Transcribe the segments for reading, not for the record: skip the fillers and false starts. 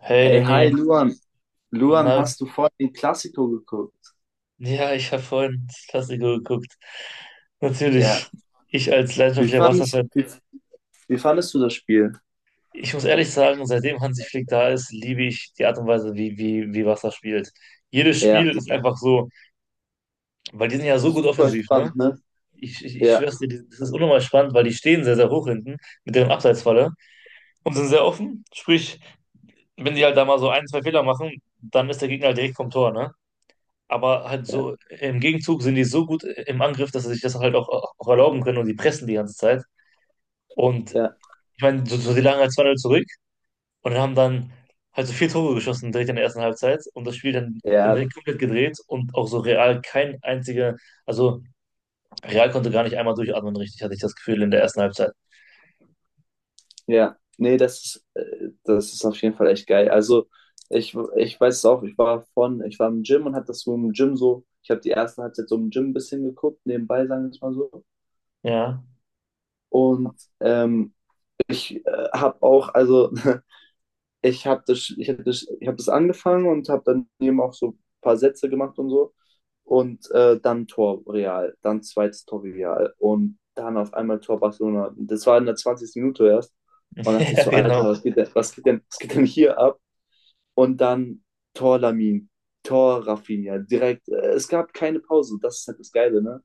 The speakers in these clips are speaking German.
Hey Ey, Danny, hi Luan. Luan, na, hast du vorhin den Klassiko geguckt? ja, ich habe vorhin das Klassiker geguckt. Natürlich, Ja. ich als Wie leidenschaftlicher fandest, Wasserfan. wie, wie fandest du das Spiel? Ich muss ehrlich sagen, seitdem Hansi Flick da ist, liebe ich die Art und Weise, wie Wasser spielt. Jedes Ja. Spiel ist einfach so, weil die sind ja so gut Super offensiv, ne? spannend, ne? Ich Ja, schwör's dir, das ist unnormal spannend, weil die stehen sehr, sehr hoch hinten mit deren Abseitsfalle und sind sehr offen. Sprich, wenn die halt da mal so ein, zwei Fehler machen, dann ist der Gegner halt direkt vom Tor, ne? Aber halt ja, so, im Gegenzug sind die so gut im Angriff, dass sie sich das halt auch erlauben können und die pressen die ganze Zeit. Und ja, ich meine, so, so, die lagen halt zwei 0 zurück und haben dann halt so vier Tore geschossen direkt in der ersten Halbzeit und das Spiel dann ja, direkt komplett gedreht und auch so Real kein einziger, also Real konnte gar nicht einmal durchatmen, richtig, hatte ich das Gefühl in der ersten Halbzeit. ja. Nee, das ist auf jeden Fall echt geil. Also, ich weiß es auch, ich war im Gym und hab das so im Gym so, ich habe die erste Halbzeit so im Gym ein bisschen geguckt, nebenbei, sagen wir es mal so. Ja, Und ich habe auch, also ich habe das, ich hab das angefangen und habe dann eben auch so ein paar Sätze gemacht und so. Und dann Tor Real, dann zweites Tor Real und dann auf einmal Tor Barcelona. Das war in der 20. Minute erst. Man dachte sich ja, so, Alter, genau. Was geht denn hier ab? Und dann Tor Lamin, Tor Rafinha, direkt. Es gab keine Pause. Das ist halt das Geile, ne?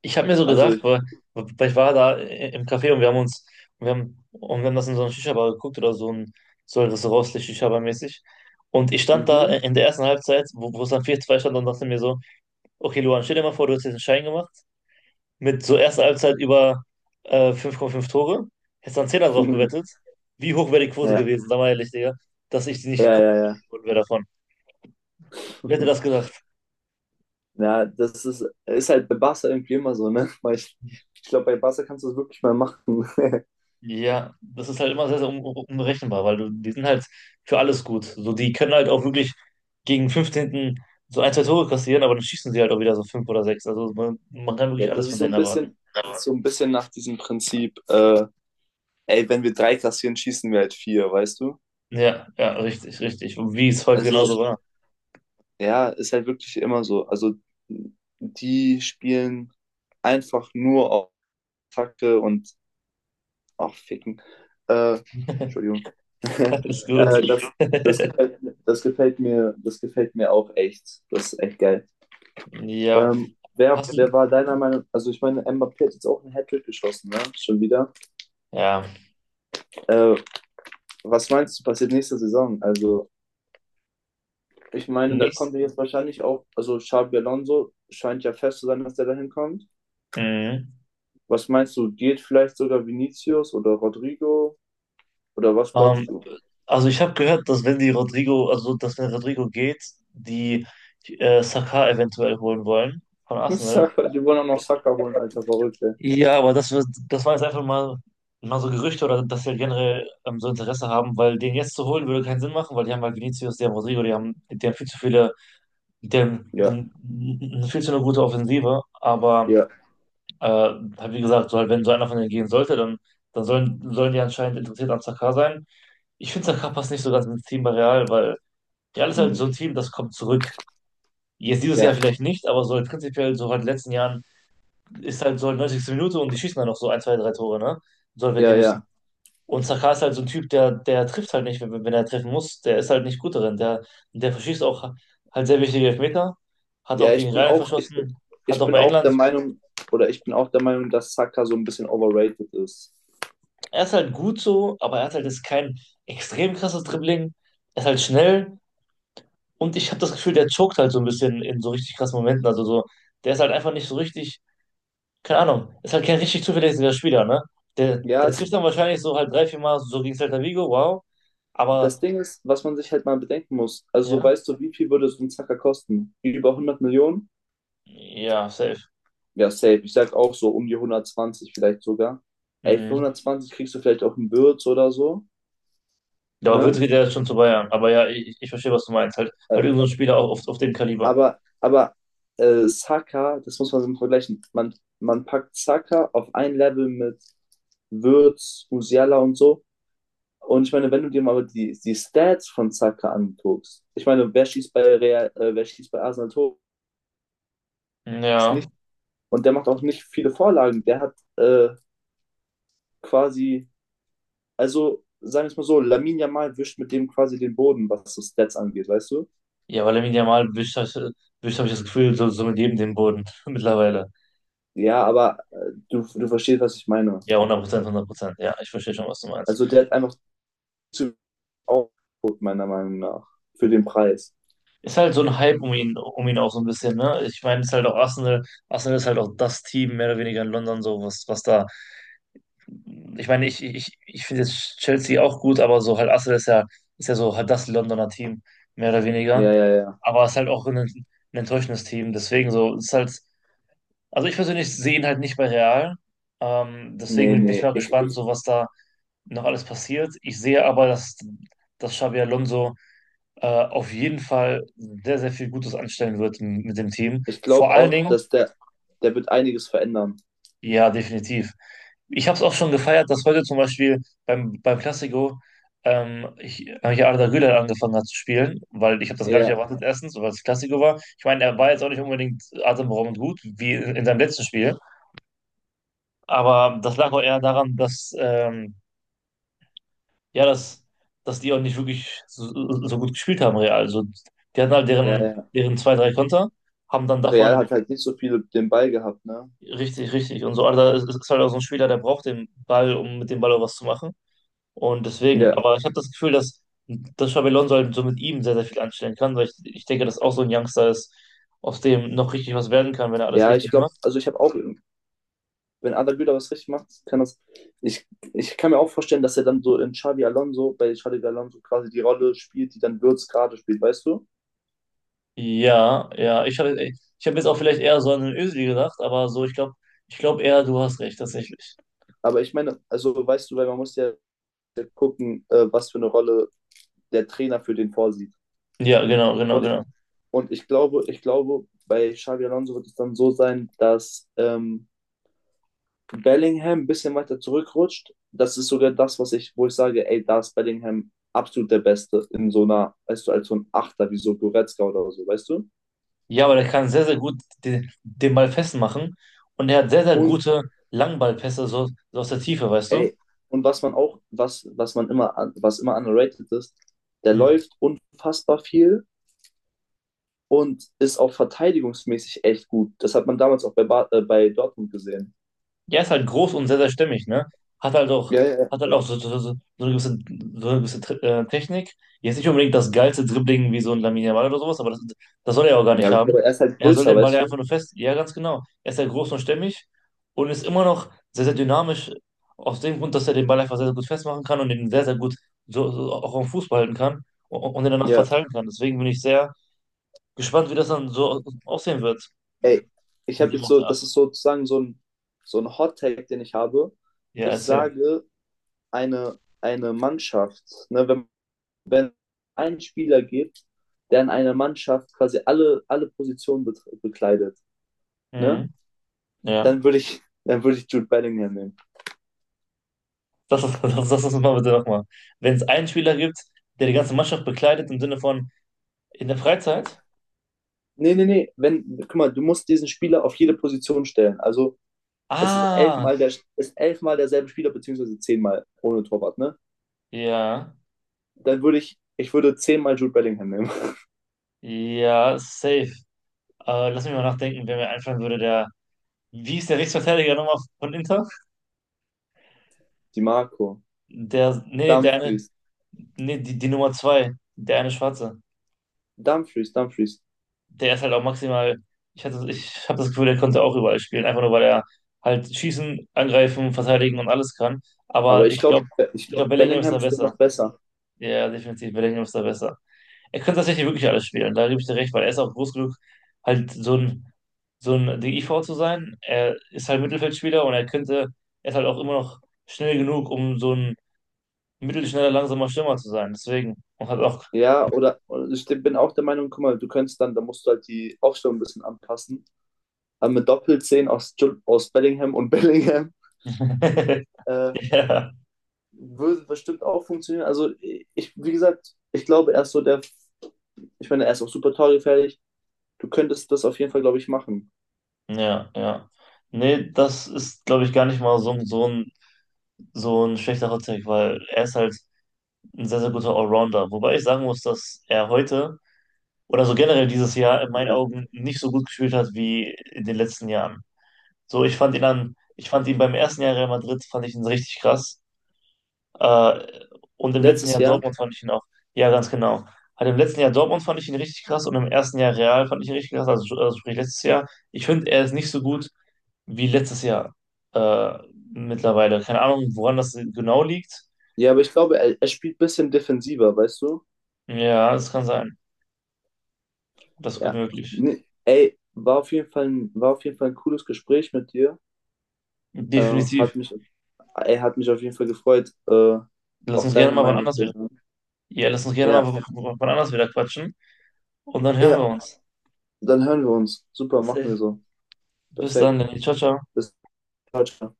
Ich habe mir so Also gedacht, ich, weil ich war da im Café und wir haben uns, und wir haben das in so einer Shisha-Bar geguckt oder so ein rostlich Shisha-Bar-mäßig. Und ich stand da mhm. in der ersten Halbzeit, wo es dann vier zwei stand und dachte mir so, okay, Luan, stell dir mal vor, du hättest jetzt einen Schein gemacht mit so erster Halbzeit über 5,5 Tore, hättest dann zehner drauf gewettet. Wie hoch wäre die Quote ja, gewesen, sag mal ehrlich, Digga, dass ich ja, nicht komplett ja, geworden wäre davon. Wer hätte ja. das gedacht? Ja, das ist, ist halt bei Barca irgendwie immer so, ne? Ich glaube, bei Barca kannst du das wirklich mal machen. Ja, das ist halt immer sehr, sehr un unberechenbar, weil du, die sind halt für alles gut. So, die können halt auch wirklich gegen 15. so ein, zwei Tore kassieren, aber dann schießen sie halt auch wieder so fünf oder sechs. Also man kann Ja, wirklich das alles ist von so denen ein erwarten. bisschen, das ist so ein bisschen nach diesem Prinzip, ey, wenn wir drei kassieren, schießen wir halt vier, weißt du? Ja, ja, richtig, richtig. Und wie es heute genauso Also, war. ja, ist halt wirklich immer so. Also, die spielen einfach nur auf Attacke und auch ficken. Äh, Entschuldigung. äh, Alles gut. das, das gefällt, das gefällt mir auch echt. Das ist echt geil. Ja, hast du, Wer war deiner Meinung, also ich meine, Mbappé hat jetzt auch einen Hattrick geschossen, ne? Schon wieder. ja, Äh, was meinst du, passiert nächste Saison? Also ich meine, da nichts. kommt er jetzt wahrscheinlich auch, also Xabi Alonso scheint ja fest zu sein, dass der da hinkommt. Mhm. Was meinst du, geht vielleicht sogar Vinicius oder Rodrigo? Oder was glaubst Ähm, du? also ich habe gehört, dass wenn die Rodrigo, also dass wenn Rodrigo geht, die Saka eventuell holen wollen von Arsenal. Saka, die wollen auch noch Saka holen, alter Verrückte. Ja, aber das, das war jetzt einfach mal so Gerüchte oder dass wir generell so Interesse haben, weil den jetzt zu holen würde keinen Sinn machen, weil die haben halt Vinicius, die haben Rodrigo, die haben viel zu viele, die haben, die Ja, haben viel zu eine gute Offensive, aber ja, halt wie gesagt, so halt, wenn so einer von denen gehen sollte, dann sollen die anscheinend interessiert an Sakar sein. Ich finde, Sakar passt nicht so ganz ins Team bei Real, weil Real ist halt hm, so ein Team, das kommt zurück. Jetzt dieses ja, Jahr vielleicht nicht, aber so halt prinzipiell so halt in den letzten Jahren ist halt so 90. Minute und die schießen dann noch so ein, zwei, drei Tore, ne? Soll, wenn die ja, müssen. ja. Und Saka ist halt so ein Typ, der trifft halt nicht, wenn er treffen muss. Der ist halt nicht gut darin. Der verschießt auch halt sehr wichtige Elfmeter. Hat Ja, auch gegen Rainer verschossen. Hat ich auch bin bei auch England. der Meinung, oder ich bin auch der Meinung, dass Saka so ein bisschen overrated ist. Er ist halt gut so, aber er hat halt jetzt kein extrem krasses Dribbling. Er ist halt schnell. Und ich habe das Gefühl, der choked halt so ein bisschen in so richtig krassen Momenten. Also so, der ist halt einfach nicht so richtig keine Ahnung, ist halt kein richtig zuverlässiger Spieler, ne? Ja, Der es, trifft dann wahrscheinlich so halt drei, vier Mal so gegen Celta Vigo, wow. das Aber Ding ist, was man sich halt mal bedenken muss. Also, so ja, weißt du, wie viel würde so ein Zacker kosten? Über hundert Millionen? ja, safe. Ja, safe. Ich sag auch so um die hundertzwanzig vielleicht sogar. Ey, für Mhm. hundertzwanzig kriegst du vielleicht auch einen Würz oder so, Da wird ne? wieder schon zu Bayern. Aber ja, ich verstehe, was du meinst. Halt Äh, irgendein Spieler auch auf dem Kaliber. Aber, Saka, das muss man so vergleichen. Man packt Saka auf ein Level mit Würz, Musiala und so. Und ich meine, wenn du dir mal die Stats von Saka anguckst, ich meine, wer schießt bei Real, wer schießt bei Arsenal Tor? Mhm, Ist ja. und der macht auch nicht viele Vorlagen. Der hat quasi, also sagen wir es mal so, Lamin Yamal wischt mit dem quasi den Boden, was so Stats angeht, weißt du? Ja, weil Lamine Yamal wischt, wischt habe ich das Gefühl, so, so mit jedem den Boden mittlerweile. Ja, aber du verstehst, was ich meine. Ja, 100%, 100%. Ja, ich verstehe schon, was du meinst. Also der hat einfach zu Output, meiner Meinung nach, für den Preis. Ist halt so ein Hype um ihn auch so ein bisschen, ne? Ich meine, es ist halt auch Arsenal. Arsenal ist halt auch das Team, mehr oder weniger in London, so was da. Ich meine, ich finde jetzt Chelsea auch gut, aber so halt Arsenal ist ja so halt das Londoner Team, mehr oder weniger. Ja, ja, ja. Aber es ist halt auch ein enttäuschendes Team. Deswegen so, es ist halt, also ich persönlich sehe ihn halt nicht bei Real. Deswegen Nee, bin ich nee. mal gespannt, so was da noch alles passiert. Ich sehe aber, dass Xabi Alonso auf jeden Fall sehr, sehr viel Gutes anstellen wird mit dem Team. Ich Vor glaube allen auch, Dingen, der wird einiges verändern. ja, definitiv. Ich habe es auch schon gefeiert, dass heute zum Beispiel beim Classico hier Arda Güler angefangen hat zu spielen, weil ich habe das gar nicht Ja, erwartet, erstens, weil es Classico war. Ich meine, er war jetzt auch nicht unbedingt atemberaubend gut, wie in seinem letzten Spiel, aber das lag auch eher daran, ja, dass, dass die auch nicht wirklich so, so gut gespielt haben, Real. Also, die hatten halt ja, ja. deren zwei, drei Konter, haben dann Real davon hat halt nicht so viel den Ball gehabt, ne? richtig, richtig und so. Arda ist halt auch so ein Spieler, der braucht den Ball, um mit dem Ball auch was zu machen. Und deswegen, Ja, aber ich habe das Gefühl, dass Xabi Alonso halt so mit ihm sehr, sehr viel anstellen kann, weil ich denke, dass auch so ein Youngster ist, aus dem noch richtig was werden kann, wenn er alles ja, ich richtig glaube, macht. also ich habe auch wenn Arda Güler was richtig macht, kann das. Ich, ich kann mir auch vorstellen, dass er dann so in Xavi Alonso, bei Xavi Alonso quasi die Rolle spielt, die dann Würz gerade spielt, weißt du? Ja, ja, ich hab jetzt auch vielleicht eher so an den Özil gedacht, aber so, ich glaube eher, du hast recht, tatsächlich. Aber ich meine, also weißt du, weil man muss ja gucken, was für eine Rolle der Trainer für den vorsieht. Ja, genau, genau, Und, genau. und ich glaube, bei Xavi Alonso wird es dann so sein, dass Bellingham ein bisschen weiter zurückrutscht. Das ist sogar das, was ich, wo ich sage, ey, da ist Bellingham absolut der Beste in so einer, weißt du, als so ein Achter, wie so Goretzka oder so, weißt du? Ja, aber der kann sehr, sehr gut den Ball festmachen und er hat sehr, sehr Und gute Langballpässe so, so aus der Tiefe, weißt du? ey, und was man auch, was man immer, was immer underrated ist, der Hm. läuft unfassbar viel und ist auch verteidigungsmäßig echt gut. Das hat man damals auch bei, Bar bei Dortmund gesehen. Ja, ist halt groß und sehr, sehr stimmig, ne? Hat halt auch, Ja, ja, ja. Hat halt auch so, so, so, so eine gewisse Technik. Jetzt nicht unbedingt das geilste Dribbling wie so ein Lamine Yamal oder sowas, aber das soll er ja auch gar nicht Ja, okay, haben. aber er ist halt Er soll größer, den Ball weißt ja einfach du? nur fest. Ja, ganz genau. Er ist ja groß und stämmig und ist immer noch sehr, sehr dynamisch, aus dem Grund, dass er den Ball einfach sehr, sehr gut festmachen kann und den sehr, sehr gut so, so auch am Fuß behalten kann und den danach Ja. verteilen kann. Deswegen bin ich sehr gespannt, wie das dann so aussehen wird Ey, ich mit habe dem jetzt auf so, der Acht. das ist sozusagen so ein Hot-Take, den ich habe. Ja, Ich erzähl. sage, eine Mannschaft, ne, wenn ein Spieler gibt, der in einer Mannschaft quasi alle Positionen bekleidet, ne? Mhm. Ja. Dann würde ich, dann würde ich Jude Bellingham nehmen. Das müssen wir bitte nochmal. Wenn es einen Spieler gibt, der die ganze Mannschaft bekleidet im Sinne von in der Freizeit? Nee, nee, nee. Wenn, guck mal, du musst diesen Spieler auf jede Position stellen. Also es ist Ah, elfmal, der, ist elfmal derselbe Spieler, beziehungsweise zehnmal ohne Torwart, ne? ja, Dann würde ich, ich würde zehnmal Jude Bellingham nehmen. ja, safe. Lass mich mal nachdenken, wer mir einfallen würde, wie ist der Rechtsverteidiger nochmal von Inter? Die Marco, Der, nee, nee, der eine, Dumfries, nee, die, die Nummer zwei, der eine Schwarze. Dumfries. Der ist halt auch maximal, ich habe das Gefühl, der konnte auch überall spielen, einfach nur weil er halt schießen, angreifen, verteidigen und alles kann. Aber Aber ich glaube, ich ich glaube, glaub, Bellingham ist Bellingham da ist besser. noch besser. Ja, ja, definitiv. Bellingham ist da besser. Er könnte tatsächlich wirklich alles spielen, da gebe ich dir recht, weil er ist auch groß genug, halt so ein DIV zu sein. Er ist halt Mittelfeldspieler und er ist halt auch immer noch schnell genug, um so ein mittelschneller, langsamer Stürmer zu sein. Deswegen, und hat auch. Ja, oder ich bin auch der Meinung, guck mal, du könntest dann, da musst du halt die Aufstellung ein bisschen anpassen. Aber mit Doppelzehn aus, Bellingham und Bellingham äh, Ja, würde bestimmt auch funktionieren. Also ich, wie gesagt, ich glaube, er ist so der, ich meine, er ist auch super torgefährlich. Du könntest das auf jeden Fall, glaube ich, machen. ja, ja. Nee, das ist, glaube ich, gar nicht mal so, so ein schlechter Hot Take, weil er ist halt ein sehr, sehr guter Allrounder. Wobei ich sagen muss, dass er heute oder so generell dieses Jahr in meinen Ja. Augen nicht so gut gespielt hat wie in den letzten Jahren. So, ich fand ihn beim ersten Jahr Real Madrid, fand ich ihn richtig krass. Äh, und im letzten Letztes Jahr Jahr. Dortmund fand ich ihn auch, ja, ganz genau. Halt im letzten Jahr Dortmund fand ich ihn richtig krass und im ersten Jahr Real fand ich ihn richtig krass, also sprich letztes Jahr. Ich finde, er ist nicht so gut wie letztes Jahr äh, mittlerweile. Keine Ahnung, woran das genau liegt. Ja, aber ich glaube, er spielt ein bisschen defensiver, weißt du? Ja, das kann sein. Das ist gut Ja. möglich. Nee, ey, war auf jeden Fall ein, war auf jeden Fall ein cooles Gespräch mit dir. Äh, Definitiv. hat mich, ey, hat mich auf jeden Fall gefreut, Lass auch uns gerne deine mal wann Meinung anders. zu hören. Ja, lass uns gerne mal Ja. Wann anders wieder quatschen und dann hören Ja, wir uns. dann hören wir uns. Super, machen Safe. wir so. Bis dann, Perfekt. Lenny. Ciao, ciao. Bis bald. Ciao.